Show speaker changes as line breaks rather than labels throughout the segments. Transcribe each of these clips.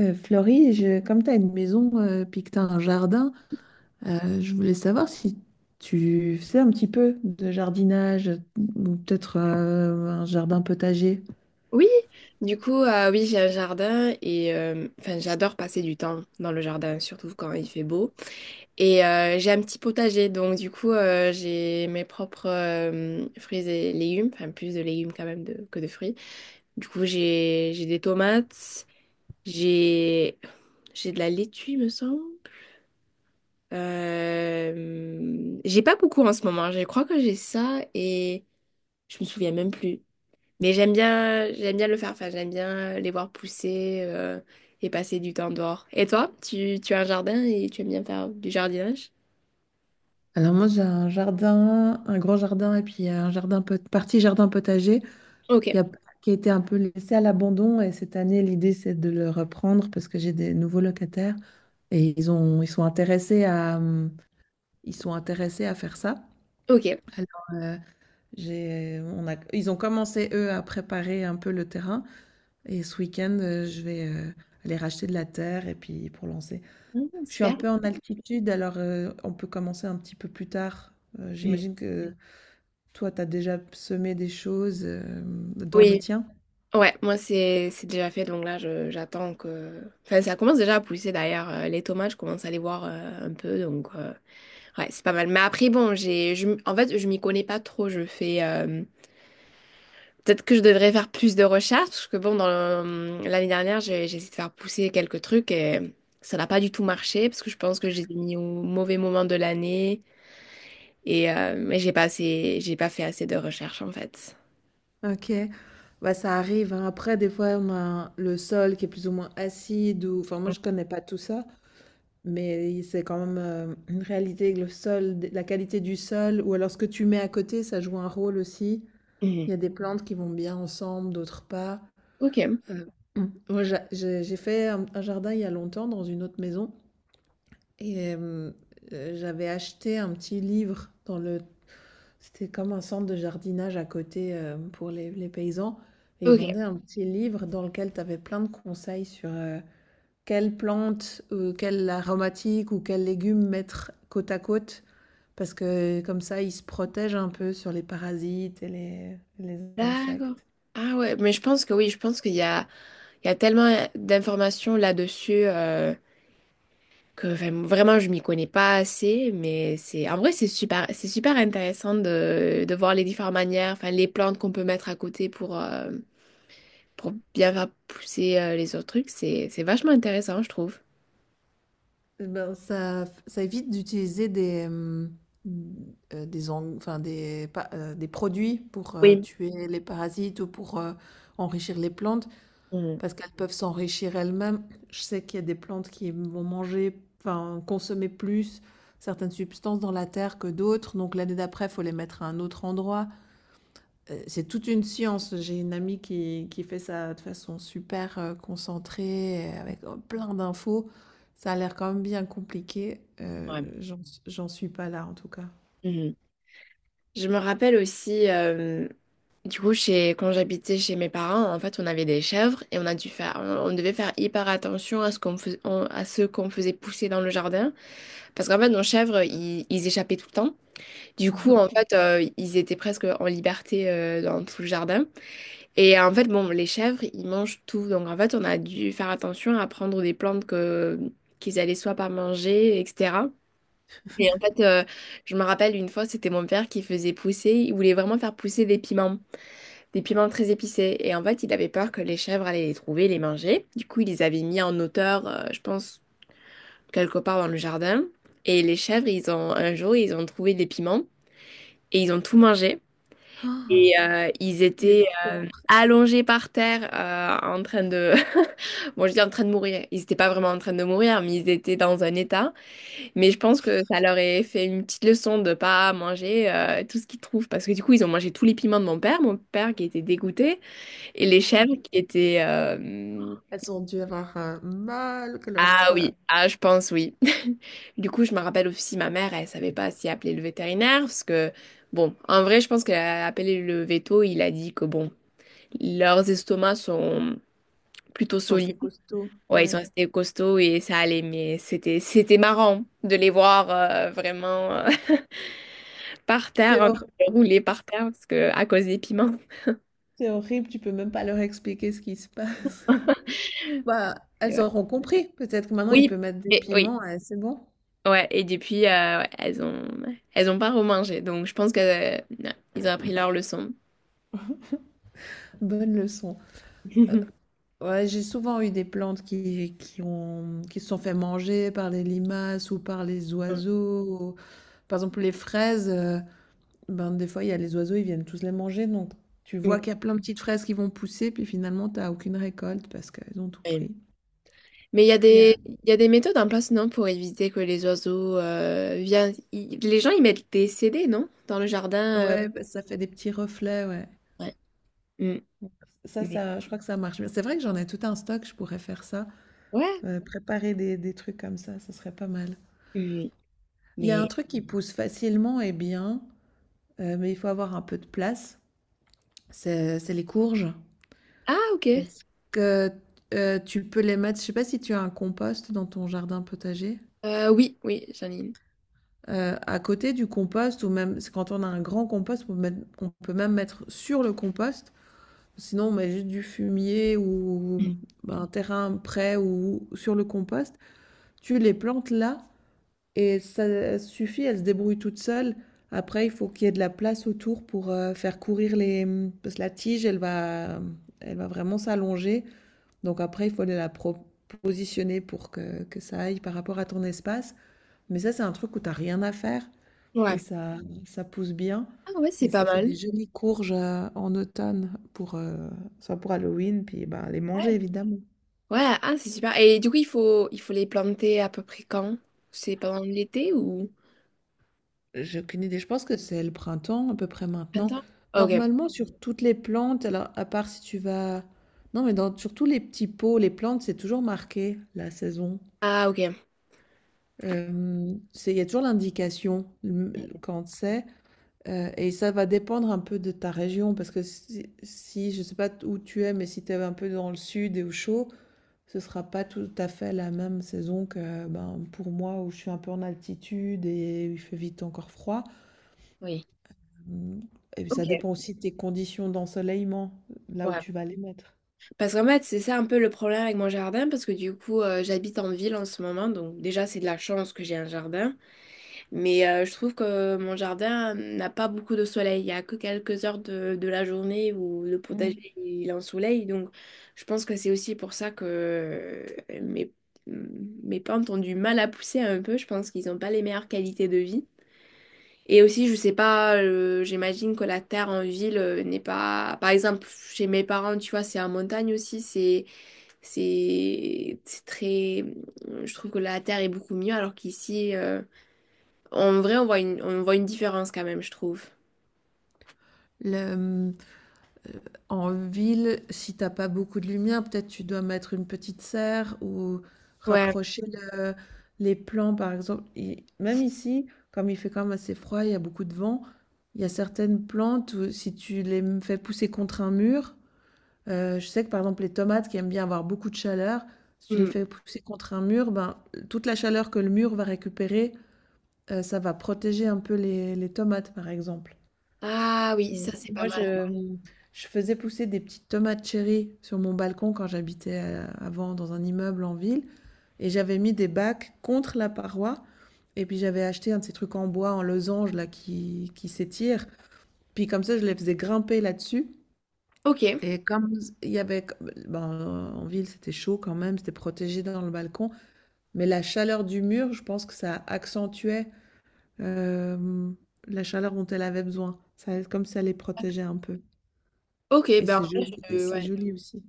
Florie, comme tu as une maison puis que tu as un jardin, je voulais savoir si tu faisais un petit peu de jardinage ou peut-être un jardin potager.
Oui, oui, j'ai un jardin et enfin, j'adore passer du temps dans le jardin, surtout quand il fait beau. Et j'ai un petit potager, donc j'ai mes propres fruits et légumes, enfin plus de légumes quand même que de fruits. Du coup, j'ai des tomates, j'ai j'ai de la laitue, il me semble. J'ai pas beaucoup en ce moment, je crois que j'ai ça et je me souviens même plus. Mais j'aime bien le faire. Enfin, j'aime bien les voir pousser et passer du temps dehors. Et toi, tu as un jardin et tu aimes bien faire du jardinage?
Alors moi j'ai un jardin, un grand jardin et puis un partie jardin potager
Ok,
qui a, qui a été un peu laissé à l'abandon et cette année l'idée c'est de le reprendre parce que j'ai des nouveaux locataires et ils sont intéressés à, ils sont intéressés à faire ça.
ok.
Alors, euh, J'ai on a ils ont commencé, eux, à préparer un peu le terrain et ce week-end, je vais, aller racheter de la terre et puis pour lancer.
Mm,
Je suis un
super.
peu en altitude alors, on peut commencer un petit peu plus tard.
Mm.
J'imagine que toi, tu as déjà semé des choses, dans le
Oui,
tien?
ouais, moi c'est déjà fait, donc là j'attends que... Enfin, ça commence déjà à pousser d'ailleurs. Les tomates, je commence à les voir un peu, ouais, c'est pas mal. Mais après, bon, en fait, je m'y connais pas trop. Peut-être que je devrais faire plus de recherches, parce que bon, l'année dernière, j'ai essayé de faire pousser quelques trucs et ça n'a pas du tout marché, parce que je pense que j'ai mis au mauvais moment de l'année mais j'ai pas fait assez de recherches en fait.
OK. Bah, ça arrive, hein. Après des fois, on a le sol qui est plus ou moins acide ou enfin moi je connais pas tout ça, mais c'est quand même, une réalité avec le sol, la qualité du sol ou alors ce que tu mets à côté, ça joue un rôle aussi. Il
Mhm.
y a des plantes qui vont bien ensemble, d'autres pas.
Ok,
Heu, moi j'ai fait un jardin il y a longtemps dans une autre maison et j'avais acheté un petit livre dans le c'était comme un centre de jardinage à côté, pour les paysans et ils
ok,
vendaient un petit livre dans lequel tu avais plein de conseils sur, quelle plante, quelle aromatique ou quel légume mettre côte à côte parce que comme ça ils se protègent un peu sur les parasites et les
d'accord.
insectes.
Ah ouais, mais je pense que oui, je pense qu'il y a, il y a tellement d'informations là-dessus. Que vraiment, vraiment, je m'y connais pas assez, mais c'est en vrai c'est super intéressant de voir les différentes manières, enfin les plantes qu'on peut mettre à côté pour bien faire pousser les autres trucs, c'est vachement intéressant, je trouve.
Eh ben, ça évite d'utiliser des, enfin, des produits pour
Oui.
tuer les parasites ou pour enrichir les plantes.
Mhm.
Parce qu'elles peuvent s'enrichir elles-mêmes. Je sais qu'il y a des plantes qui vont manger, enfin consommer plus certaines substances dans la terre que d'autres. Donc l'année d'après, il faut les mettre à un autre endroit. C'est toute une science. J'ai une amie qui fait ça de façon super concentrée, avec plein d'infos. Ça a l'air quand même bien compliqué.
Ouais.
J'en suis pas là en tout cas.
Mhm. Je me rappelle aussi, quand j'habitais chez mes parents, en fait, on avait des chèvres et on a dû faire, on devait faire hyper attention à ce qu'on fais- on- à ce qu'on faisait pousser dans le jardin, parce qu'en fait, nos chèvres, ils échappaient tout le temps. Du coup, en fait, ils étaient presque en liberté dans tout le jardin. Et en fait, bon, les chèvres, ils mangent tout. Donc, en fait, on a dû faire attention à prendre des plantes qu'ils allaient soit pas manger, etc. Et en fait, je me rappelle une fois, c'était mon père qui faisait pousser, il voulait vraiment faire pousser des piments très épicés. Et en fait, il avait peur que les chèvres allaient les trouver, les manger. Du coup, il les avait mis en hauteur, je pense, quelque part dans le jardin. Et les chèvres, un jour, ils ont trouvé des piments et ils ont tout mangé.
Ah,
Ils étaient allongés par terre en train de... Bon, je dis en train de mourir. Ils n'étaient pas vraiment en train de mourir, mais ils étaient dans un état. Mais je pense que ça leur a fait une petite leçon de pas manger tout ce qu'ils trouvent. Parce que du coup, ils ont mangé tous les piments de mon père qui était dégoûté, et les chèvres qui étaient...
elles ont dû avoir un mal, que leur...
Ah
Elles
oui, ah je pense oui. Du coup, je me rappelle aussi ma mère, elle savait pas si appeler le vétérinaire, parce que... Bon, en vrai, je pense qu'elle a appelé le veto, il a dit que bon... Leurs estomacs sont plutôt
sont
solides.
assez costauds,
Ouais, ils sont
ouais.
restés costauds et ça allait, mais c'était marrant de les voir vraiment, par terre,
C'est
en train
horrible.
de rouler par terre parce que à cause des piments.
C'est horrible, tu peux même pas leur expliquer ce qui se passe. Bah,
Et
elles
ouais.
auront compris. Peut-être que maintenant, ils
Oui,
peuvent mettre des
oui,
piments, et c'est bon.
ouais. Et depuis, ouais, elles ont pas remangé, donc je pense que ouais, ils ont appris leur leçon.
Bonne leçon. Ouais, j'ai souvent eu des plantes qui ont, qui se sont fait manger par les limaces ou par les oiseaux. Par exemple, les fraises, ben, des fois, il y a les oiseaux, ils viennent tous les manger. Donc, tu vois
Mm.
qu'il y a plein de petites fraises qui vont pousser, puis finalement, tu n'as aucune récolte parce qu'elles ont tout
Oui.
pris.
Mais
Il y a-
il y a des méthodes en place, non, pour éviter que les oiseaux viennent. Les gens, ils mettent des CD, non? Dans le jardin.
Ouais, bah, ça fait des petits reflets, ouais.
Ouais.
Ça,
Mais
ça, je crois que ça marche bien. C'est vrai que j'en ai tout un stock, je pourrais faire ça.
ouais,
Préparer des trucs comme ça, ce serait pas mal.
mais...
Il y a un
mais-
truc qui pousse facilement et bien, mais il faut avoir un peu de place. C'est les courges.
Ah, ok.
Parce que tu peux les mettre, je sais pas si tu as un compost dans ton jardin potager.
Oui, oui, j'en ai une.
À côté du compost, ou même c'est quand on a un grand compost, on peut, on peut même mettre sur le compost. Sinon, on met juste du fumier ou ben, un terrain prêt ou sur le compost. Tu les plantes là et ça suffit, elles se débrouillent toutes seules. Après, il faut qu'il y ait de la place autour pour faire courir les... Parce que la tige, elle va vraiment s'allonger. Donc après, il faut positionner pour que ça aille par rapport à ton espace. Mais ça, c'est un truc où t'as rien à faire et
Ouais.
ça pousse bien.
Ah ouais, c'est
Et
pas
ça fait des
mal.
jolies courges en automne pour, soit pour Halloween, puis ben, les
Ouais.
manger évidemment.
Ouais, ah, c'est super. Et du coup, il faut les planter à peu près quand? C'est pendant l'été ou...
J'ai aucune idée. Je pense que c'est le printemps, à peu près maintenant.
Printemps? Ok.
Normalement, sur toutes les plantes, alors à part si tu vas... Non, mais dans, sur tous les petits pots, les plantes, c'est toujours marqué la saison.
Ah, ok.
Il y a toujours l'indication quand c'est. Et ça va dépendre un peu de ta région, parce que si, si je sais pas où tu es, mais si tu es un peu dans le sud et au chaud, ce sera pas tout à fait la même saison que ben, pour moi, où je suis un peu en altitude et il fait vite encore froid.
Oui.
Mmh, et puis ça
Ok.
dépend aussi de tes conditions d'ensoleillement, là où
Ouais.
tu vas les mettre.
Parce qu'en fait, c'est ça un peu le problème avec mon jardin, parce que j'habite en ville en ce moment, donc déjà, c'est de la chance que j'ai un jardin. Mais je trouve que mon jardin n'a pas beaucoup de soleil. Il n'y a que quelques heures de la journée où le potager il est en soleil. Donc je pense que c'est aussi pour ça que mes, mes plantes ont du mal à pousser un peu. Je pense qu'ils n'ont pas les meilleures qualités de vie. Et aussi, je sais pas, j'imagine que la terre en ville n'est pas... Par exemple, chez mes parents, tu vois, c'est en montagne aussi. C'est très... Je trouve que la terre est beaucoup mieux alors qu'ici... en vrai, on voit une différence quand même, je trouve.
Mmh, en ville, si t'as pas beaucoup de lumière, peut-être tu dois mettre une petite serre ou
Ouais.
rapprocher le les plants par exemple et même ici, comme il fait quand même assez froid, il y a beaucoup de vent, il y a certaines plantes où si tu les m fais pousser contre un mur, je sais que par exemple les tomates qui aiment bien avoir beaucoup de chaleur, si tu les
Hmm.
fais pousser contre un mur, ben, toute la chaleur que le mur va récupérer, ça va protéger un peu les tomates, par exemple.
Ah oui, ça c'est pas mal.
Je faisais pousser des petites tomates cherry sur mon balcon quand j'habitais, avant dans un immeuble en ville et j'avais mis des bacs contre la paroi et puis j'avais acheté un de ces trucs en bois, en losange là qui s'étirent. Puis comme ça, je les faisais grimper là-dessus
Ok,
et comme il y avait ben, en ville, c'était chaud quand même, c'était protégé dans le balcon, mais la chaleur du mur, je pense que ça accentuait Hem, la chaleur dont elle avait besoin. Ça comme ça les protégeait un peu
ok,
et
ben en vrai,
c'est
ouais,
joli aussi.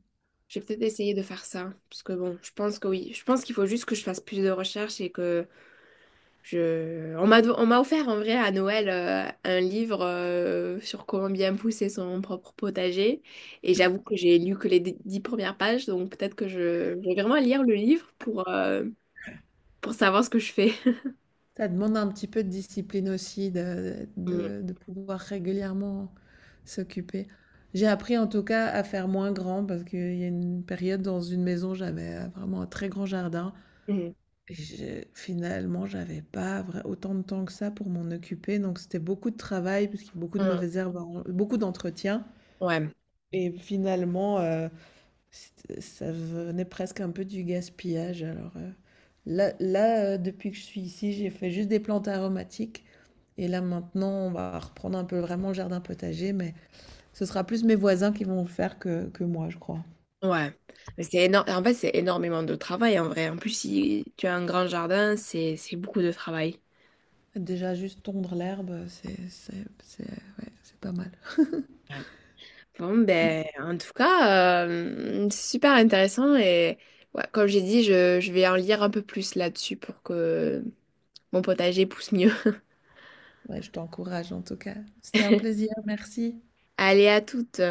j'ai peut-être essayé de faire ça. Parce que bon, je pense que oui. Je pense qu'il faut juste que je fasse plus de recherches et que je. On m'a offert en vrai à Noël un livre sur comment bien pousser son propre potager. Et j'avoue que j'ai lu que les dix premières pages, donc peut-être que je vais vraiment lire le livre pour savoir ce que je fais.
Ça demande un petit peu de discipline aussi de
Hmm,
de de pouvoir régulièrement s'occuper. J'ai appris en tout cas à faire moins grand parce qu'il y a une période dans une maison, j'avais, vraiment un très grand jardin
hmm,
et j'ai finalement, j'avais pas vrai autant de temps que ça pour m'en occuper donc c'était beaucoup de travail puisqu'il y a beaucoup de
hmm.
mauvaises herbes, beaucoup d'entretien
Ouais.
et finalement, C'ét ça venait presque un peu du gaspillage alors, là, depuis que je suis ici, j'ai fait juste des plantes aromatiques et là maintenant, on va reprendre un peu vraiment le jardin potager, mais ce sera plus mes voisins qui vont le faire que moi, je crois.
Ouais, mais c'est énorme. En fait, c'est énormément de travail en vrai. En plus, si tu as un grand jardin, c'est beaucoup de travail.
Déjà juste tondre l'herbe, c'est ouais, c'est pas mal.
Ouais. Bon,
Mmh,
ben, en tout cas, c'est super intéressant et ouais, comme j'ai dit, je vais en lire un peu plus là-dessus pour que mon potager pousse mieux.
ouais, je t'encourage en tout cas. C'était un plaisir, merci.
Allez, à toutes.